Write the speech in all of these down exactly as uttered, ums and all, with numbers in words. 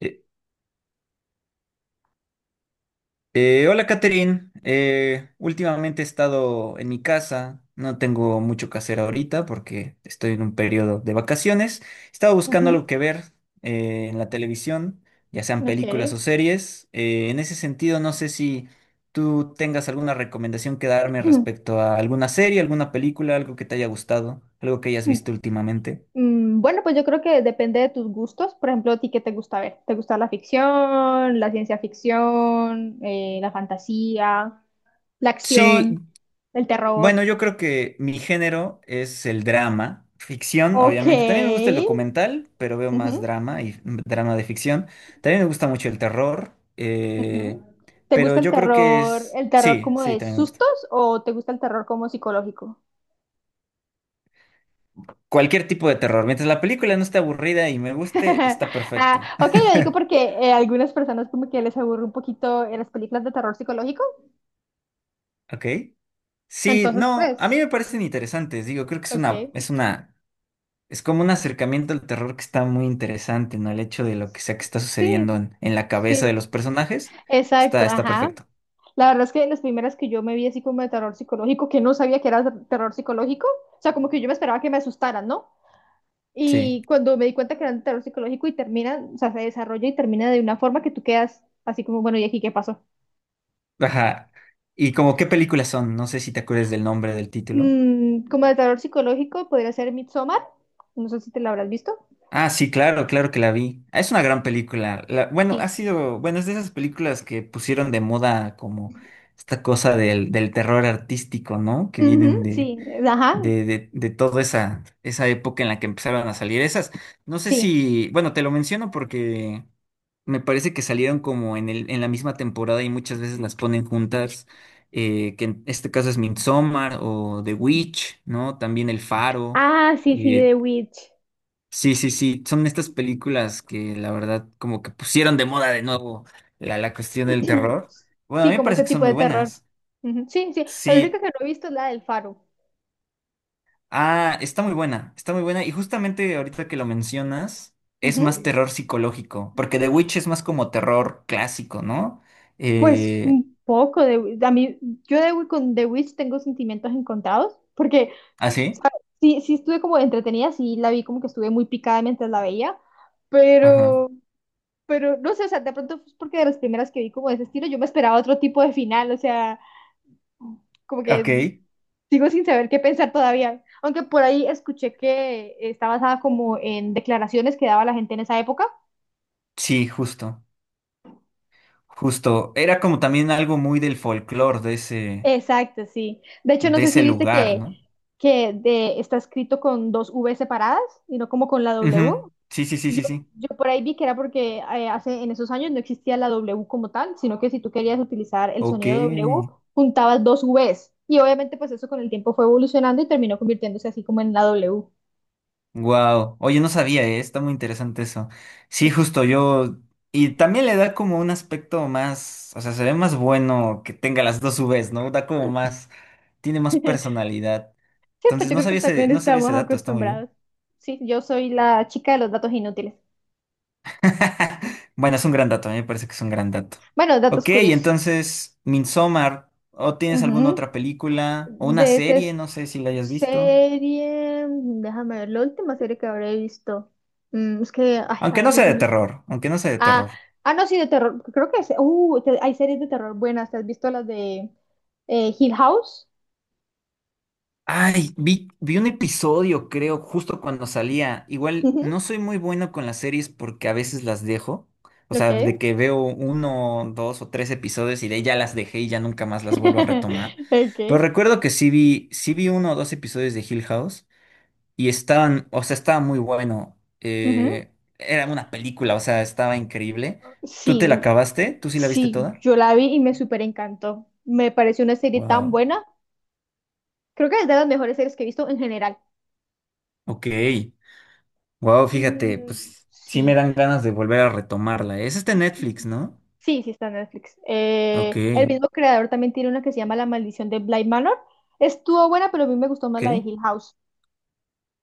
Eh, eh, Hola, Catherine. Eh, últimamente he estado en mi casa. No tengo mucho que hacer ahorita porque estoy en un periodo de vacaciones. Estaba buscando Ujú. algo que ver eh, en la televisión, ya sean Ok. películas o series. Eh, en ese sentido, no sé si tú tengas alguna recomendación que darme Mm, respecto a alguna serie, alguna película, algo que te haya gustado, algo que hayas visto últimamente. mm, Bueno, pues yo creo que depende de tus gustos. Por ejemplo, ¿a ti qué te gusta ver? ¿Te gusta la ficción, la ciencia ficción, eh, la fantasía, la acción, Sí, el bueno, terror? yo creo que mi género es el drama, ficción, Ok. obviamente. También me gusta el documental, pero veo Ujú, más drama y drama de ficción. También me gusta mucho el terror, eh, ujú. ¿Te pero gusta el yo creo que terror, es... el terror Sí, como sí, de también me gusta. sustos o te gusta el terror como psicológico? Cualquier tipo de terror. Mientras la película no esté aburrida y me guste, está Ah, perfecto. ok, lo digo porque eh, algunas personas como que les aburre un poquito eh, las películas de terror psicológico. ¿Ok? Sí, Entonces, no, a mí pues. me parecen interesantes. Digo, creo que es Ok. una, es una es como un acercamiento al terror que está muy interesante, ¿no? El hecho de lo que sea que está sucediendo Sí, en, en la cabeza de sí, los personajes está, exacto, está ajá. perfecto. La verdad es que las primeras que yo me vi así como de terror psicológico, que no sabía que era ter- terror psicológico, o sea, como que yo me esperaba que me asustaran, ¿no? Sí. Y cuando me di cuenta que era de terror psicológico y termina, o sea, se desarrolla y termina de una forma que tú quedas así como, bueno, ¿y aquí qué pasó? Ajá. ¿Y como qué películas son? No sé si te acuerdas del nombre del título. Mm, como de terror psicológico podría ser Midsommar, no sé si te la habrás visto. Ah, sí, claro, claro que la vi. Ah, es una gran película. La- bueno, Sí. ha sido, bueno, es de esas películas que pusieron de moda como esta cosa del, del terror artístico, ¿no? Que Ujú, vienen sí, de, ajá, de, de toda esa, esa época en la que empezaron a salir esas. No sé sí. si, bueno, te lo menciono porque me parece que salieron como en el, en la misma temporada y muchas veces las ponen juntas, eh, que en este caso es Midsommar o The Witch, ¿no? También El Faro. Ah, sí, sí, eh, The Witch. sí, sí, sí, son estas películas que la verdad como que pusieron de moda de nuevo la, la cuestión del terror. Bueno, a Sí, mí me como parece ese que son tipo muy de terror. buenas. Ujú, sí, sí. La Sí. única que no he visto es la del Faro. Ah, está muy buena, está muy buena. Y justamente ahorita que lo mencionas, es más Ujú. terror psicológico, porque The Witch es más como terror clásico, ¿no? Pues Eh, un poco de... A mí, yo de, Wi- con The Witch tengo sentimientos encontrados, porque ¿Ah, sí? ¿sabes? Sí, sí estuve como entretenida, sí la vi como que estuve muy picada mientras la veía, Ajá. pero, pero no sé, o sea, de pronto es porque de las primeras que vi como de ese estilo, yo me esperaba otro tipo de final, o sea, como que Ok. sigo sin saber qué pensar todavía. Aunque por ahí escuché que está basada como en declaraciones que daba la gente en esa época. Sí, justo, justo. Era como también algo muy del folclore de ese, Exacto, sí. De hecho, no de sé si ese viste lugar, que, ¿no? que de, está escrito con dos V separadas y no como con la W. Ujú. Sí, sí, sí, Yo, sí, sí. yo por ahí vi que era porque eh, hace, en esos años no existía la W como tal, sino que si tú querías utilizar el Ok. sonido W, juntabas dos Vs. Y obviamente pues eso con el tiempo fue evolucionando y terminó convirtiéndose así como en la W. Wow, oye, no sabía, eh, Está muy interesante eso. Sí, Sí. justo yo. Y también le da como un aspecto más, o sea, se ve más bueno que tenga las dos uves, ¿no? Da como más, tiene más personalidad. Sí, pues Entonces, yo no creo que sabía ese, también no sabía ese estamos dato, está muy bien. acostumbrados. Sí, yo soy la chica de los datos inútiles. Bueno, es un gran dato, a mí me parece que es un gran dato. Bueno, datos Ok, curiosos. entonces, Midsommar, ¿o tienes alguna Ujú. otra película? O una De esa serie, es- no sé si la hayas visto. serie, déjame ver, la última serie que habré visto. Mm, es que, ay, a Aunque no veces. sea de no- terror, aunque no sea de Ah, terror. ah, no, sí, de terror. Creo que es, uh, te- hay series de terror buenas. ¿Te has visto las de eh, Hill House? Ay, vi, vi un episodio, creo, justo cuando salía. Igual Ujú, no soy muy bueno con las series porque a veces las dejo. O ok. sea, de que veo uno, dos o tres episodios y de ahí ya las dejé y ya nunca más las vuelvo a retomar. Pero Ok. recuerdo que sí vi, sí vi uno o dos episodios de Hill House y estaban, o sea, estaba muy bueno. Ujú. Eh, era una película, o sea, estaba increíble. ¿Tú Sí, te la acabaste? ¿Tú sí la viste sí, toda? yo la vi y me súper encantó. Me pareció una serie tan Wow. buena. Creo que es de las mejores series que he visto en general. Ok. Wow, fíjate, Mm, pues sí me sí. dan ganas de volver a retomarla. Es este Netflix, ¿no? Sí, sí está en Netflix. Ok, Eh, el mismo creador también tiene una que se llama La Maldición de Bly Manor. Estuvo buena, pero a mí me gustó más ok. la de Hill House.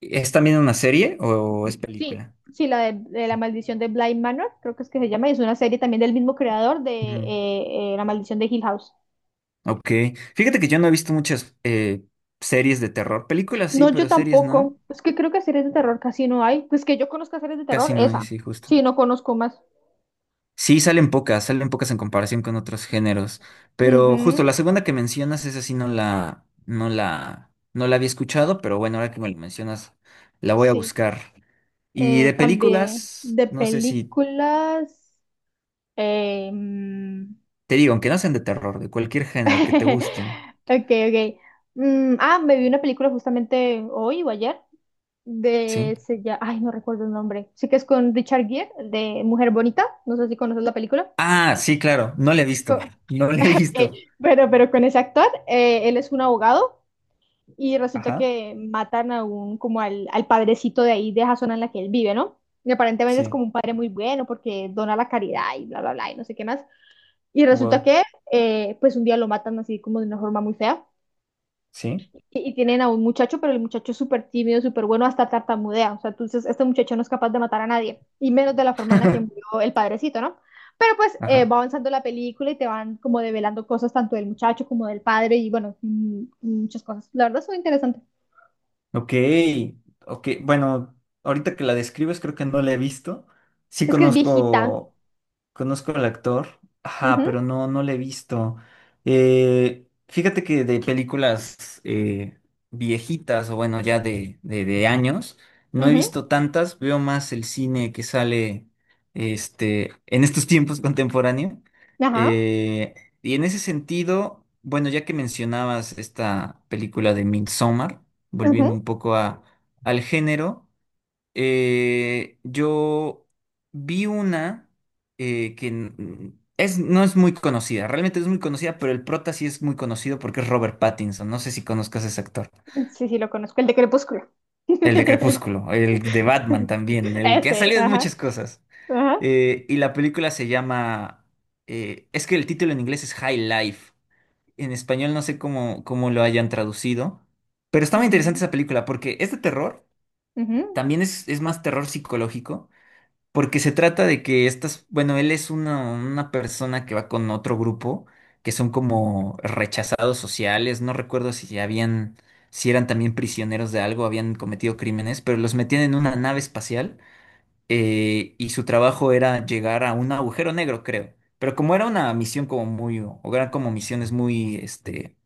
¿Es también una serie o es Sí, película? sí, la de, de La Maldición de Bly Manor, creo que es que se llama, y es una serie también del mismo creador de Mm, eh, eh, La Maldición de Hill House. ok. Fíjate que yo no he visto muchas eh, series de terror. Películas sí, No, yo pero series tampoco. no. Es que creo que series de terror casi no hay. Pues que yo conozca series de terror, Casi no hay, esa. sí, justo. Sí, no conozco más. Sí, salen pocas, salen pocas en comparación con otros géneros. Pero justo la Ujú. segunda que mencionas, esa sí no la, no la, no la había escuchado, pero bueno, ahora que me lo mencionas, la voy a Sí. buscar. Y Eh, de También películas, de no sé si películas. em, te digo, aunque no sean de terror, de cualquier género que te gusten, Ok, ok. Mm, ah, me vi una película justamente hoy o ayer ¿sí? de se llama- ay, no recuerdo el nombre. Sí que es con Richard Gere de Mujer Bonita. No sé si conoces la película. Ah, sí, claro, no le he visto, Co- no le he visto. pero, pero con ese actor, eh, él es un abogado y resulta Ajá, que matan a un como al, al padrecito de ahí de esa zona en la que él vive, ¿no? Y aparentemente es sí, como un padre muy bueno porque dona la caridad y bla bla bla y no sé qué más. Y resulta wow, que eh, pues un día lo matan así como de una forma muy fea. sí, y, y tienen a un muchacho, pero el muchacho es súper tímido, súper bueno, hasta tartamudea. O sea, entonces este muchacho no es capaz de matar a nadie, y menos de la forma en la que murió el padrecito, ¿no? Pero pues eh, ajá. va avanzando la película y te van como develando cosas tanto del muchacho como del padre y bueno, mm, muchas cosas. La verdad es muy interesante. Ok, ok, bueno, ahorita que la describes creo que no la he visto. Sí Es que es viejita. conozco. Conozco al actor, ajá, Ujú, pero no, no le he visto. Eh, fíjate que de películas eh, viejitas, o bueno, ya de, de, de, años, no he ujú, visto tantas, veo más el cine que sale este, en estos tiempos contemporáneo. ajá, Eh, y en ese sentido, bueno, ya que mencionabas esta película de Midsommar, volviendo ujú. un poco a, al género. Eh, yo vi una eh, que n- es, no es muy conocida, realmente no es muy conocida, pero el prota sí es muy conocido porque es Robert Pattinson. No sé si conozcas a ese actor. Sí, sí, lo conozco, el de Crepúsculo. El de Crepúsculo, el de Batman también, el que ha Ese, salido en ajá, muchas cosas. ajá. Eh, y la película se llama... eh, Es que el título en inglés es High Life. En español no sé cómo, cómo lo hayan traducido. Pero está muy interesante Ujú, esa película porque es de terror, ujú, también es, es más terror psicológico. Porque se trata de que estas, bueno, él es una, una persona que va con otro grupo, que son como rechazados sociales, no recuerdo si ya habían, si eran también prisioneros de algo, habían cometido crímenes, pero los metían en una nave espacial eh, y su trabajo era llegar a un agujero negro, creo. Pero como era una misión como muy, o eran como misiones muy, este,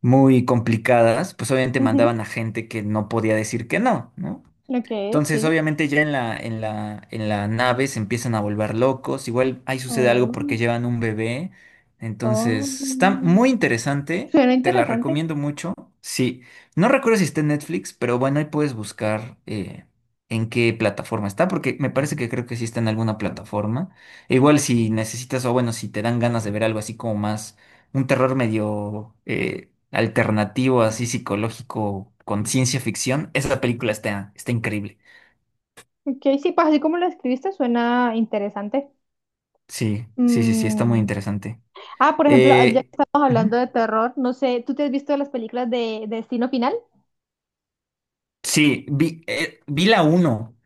muy complicadas, pues obviamente mandaban ujú. a gente que no podía decir que no, ¿no? Ok, Entonces, sí. obviamente ya en la, en la, en la nave se empiezan a volver locos. Igual ahí sucede algo Oh, porque llevan un bebé. Entonces, está oh. muy interesante. Suena Te la interesante. recomiendo mucho. Sí, no recuerdo si está en Netflix, pero bueno, ahí puedes buscar eh, en qué plataforma está, porque me parece que creo que sí está en alguna plataforma. E igual si necesitas, o bueno, si te dan ganas de ver algo así como más, un terror medio eh, alternativo, así psicológico, con ciencia ficción, esa película está, está increíble. Ok, sí, pues así como lo escribiste, suena interesante. Sí, sí, sí, sí, está muy Mm, interesante. Ah, por ejemplo, ah, ya que Eh, estamos hablando Ujú. de terror, no sé, ¿tú te has visto las películas de Destino Final? Sí, vi, eh, vi la uno.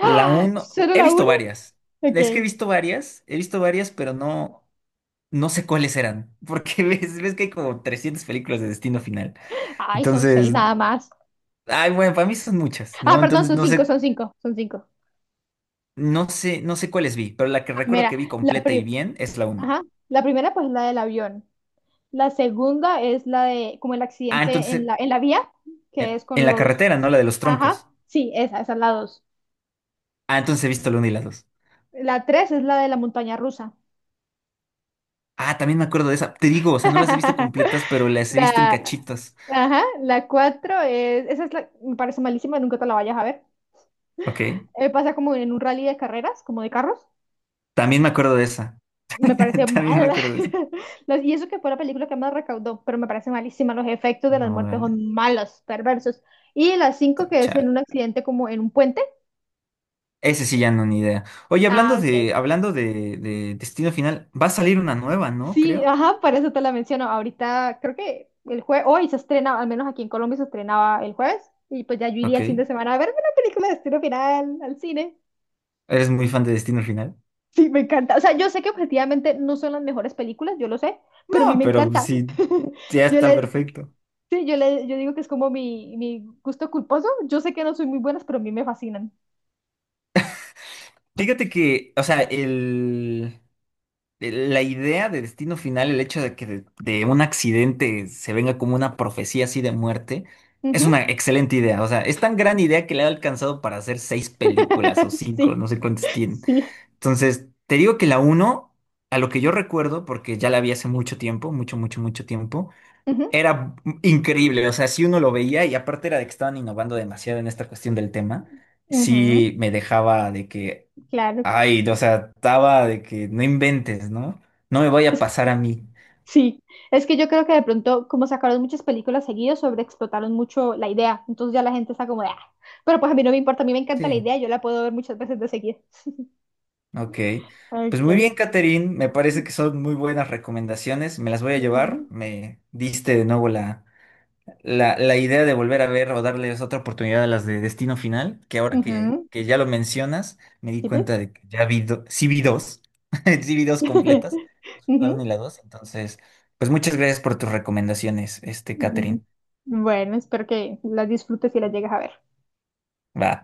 La uno, ¿Solo he la visto una? varias. Ok. Es que he visto varias, he visto varias, pero no, no sé cuáles eran. Porque ves, ves que hay como trescientas películas de Destino Final. Ay, son seis Entonces, nada más. ay, bueno, para mí son muchas, Ah, ¿no? perdón, Entonces, son no cinco, sé, son cinco, son cinco. no sé, no sé cuáles vi, pero la que Ah, recuerdo mira. que vi la, completa y pri- bien es la uno. Ajá. La primera pues es la del avión. La segunda es la de como el Ah, accidente en entonces, la, en la vía, que en, es en con la carretera, los... ¿no? La de los Ajá, troncos. sí, esa, esa es la dos. Ah, entonces he visto la uno y la dos. La tres es la de la montaña rusa. Ah, también me acuerdo de esa. Te digo, o sea, no las he visto completas, pero las he visto en La, cachitos. ajá, la cuatro es, esa es la, me parece malísima, nunca te la vayas a ver. Ok. Eh, pasa como en un rally de carreras, como de carros. También me acuerdo de esa. Me parece También me mal. acuerdo de esa. Las- Y eso que fue la película que más recaudó, pero me parece malísima. Los efectos de las No, muertes órale. son malos, perversos. Y la cinco que es en Chale. un accidente como en un puente. Ese sí ya no ni idea. Oye, hablando Ah, ok. de, hablando de, de Destino Final, va a salir una nueva, ¿no? Sí, Creo. ajá, por eso te la menciono. Ahorita creo que el jueves, hoy se estrena, al menos aquí en Colombia se estrenaba el jueves. Y pues ya yo iría Ok. el fin de semana a ver una película de estilo final al cine. ¿Eres muy fan de Destino Final? Sí, me encanta. O sea, yo sé que objetivamente no son las mejores películas, yo lo sé, pero a mí No, me pero pues encanta. sí, ya Yo está le, perfecto. sí, yo le, yo digo que es como mi, mi gusto culposo. Yo sé que no soy muy buenas, pero a mí me fascinan. Fíjate que, o sea, el, eh, la idea de Destino Final, el hecho de que de, de un accidente se venga como una profecía así de muerte, es Ujú. una excelente idea. O sea, es tan gran idea que le ha alcanzado para hacer seis películas o cinco, Sí, no sé cuántas tienen. sí. Entonces, te digo que la uno, a lo que yo recuerdo, porque ya la vi hace mucho tiempo, mucho, mucho, mucho tiempo, Ujú, era increíble. O sea, si uno lo veía y aparte era de que estaban innovando demasiado en esta cuestión del tema, ujú, sí me dejaba de que. claro. Ay, no, o sea, estaba de que no inventes, ¿no? No me vaya a Es, pasar a mí. sí, es que yo creo que de pronto, como sacaron muchas películas seguidas, sobreexplotaron mucho la idea. Entonces ya la gente está como de, "Ah". Pero pues a mí no me importa, a mí me encanta la Sí, idea, yo la puedo ver muchas veces de seguida. ok. Pues muy Ok. bien, Catherine, me parece que son muy buenas recomendaciones, me las voy a llevar, Ujú, me diste de nuevo la, la, la idea de volver a ver o darles otra oportunidad a las de Destino Final, que ahora que, ujú. que ya lo mencionas, me di ¿Sí? cuenta de que ya vi, do- sí vi dos, sí vi dos completas, la uno y Ujú. la dos, entonces, pues muchas gracias por tus recomendaciones, este, Mm, Catherine. Bueno, espero que las disfrutes y las llegues a ver. Va.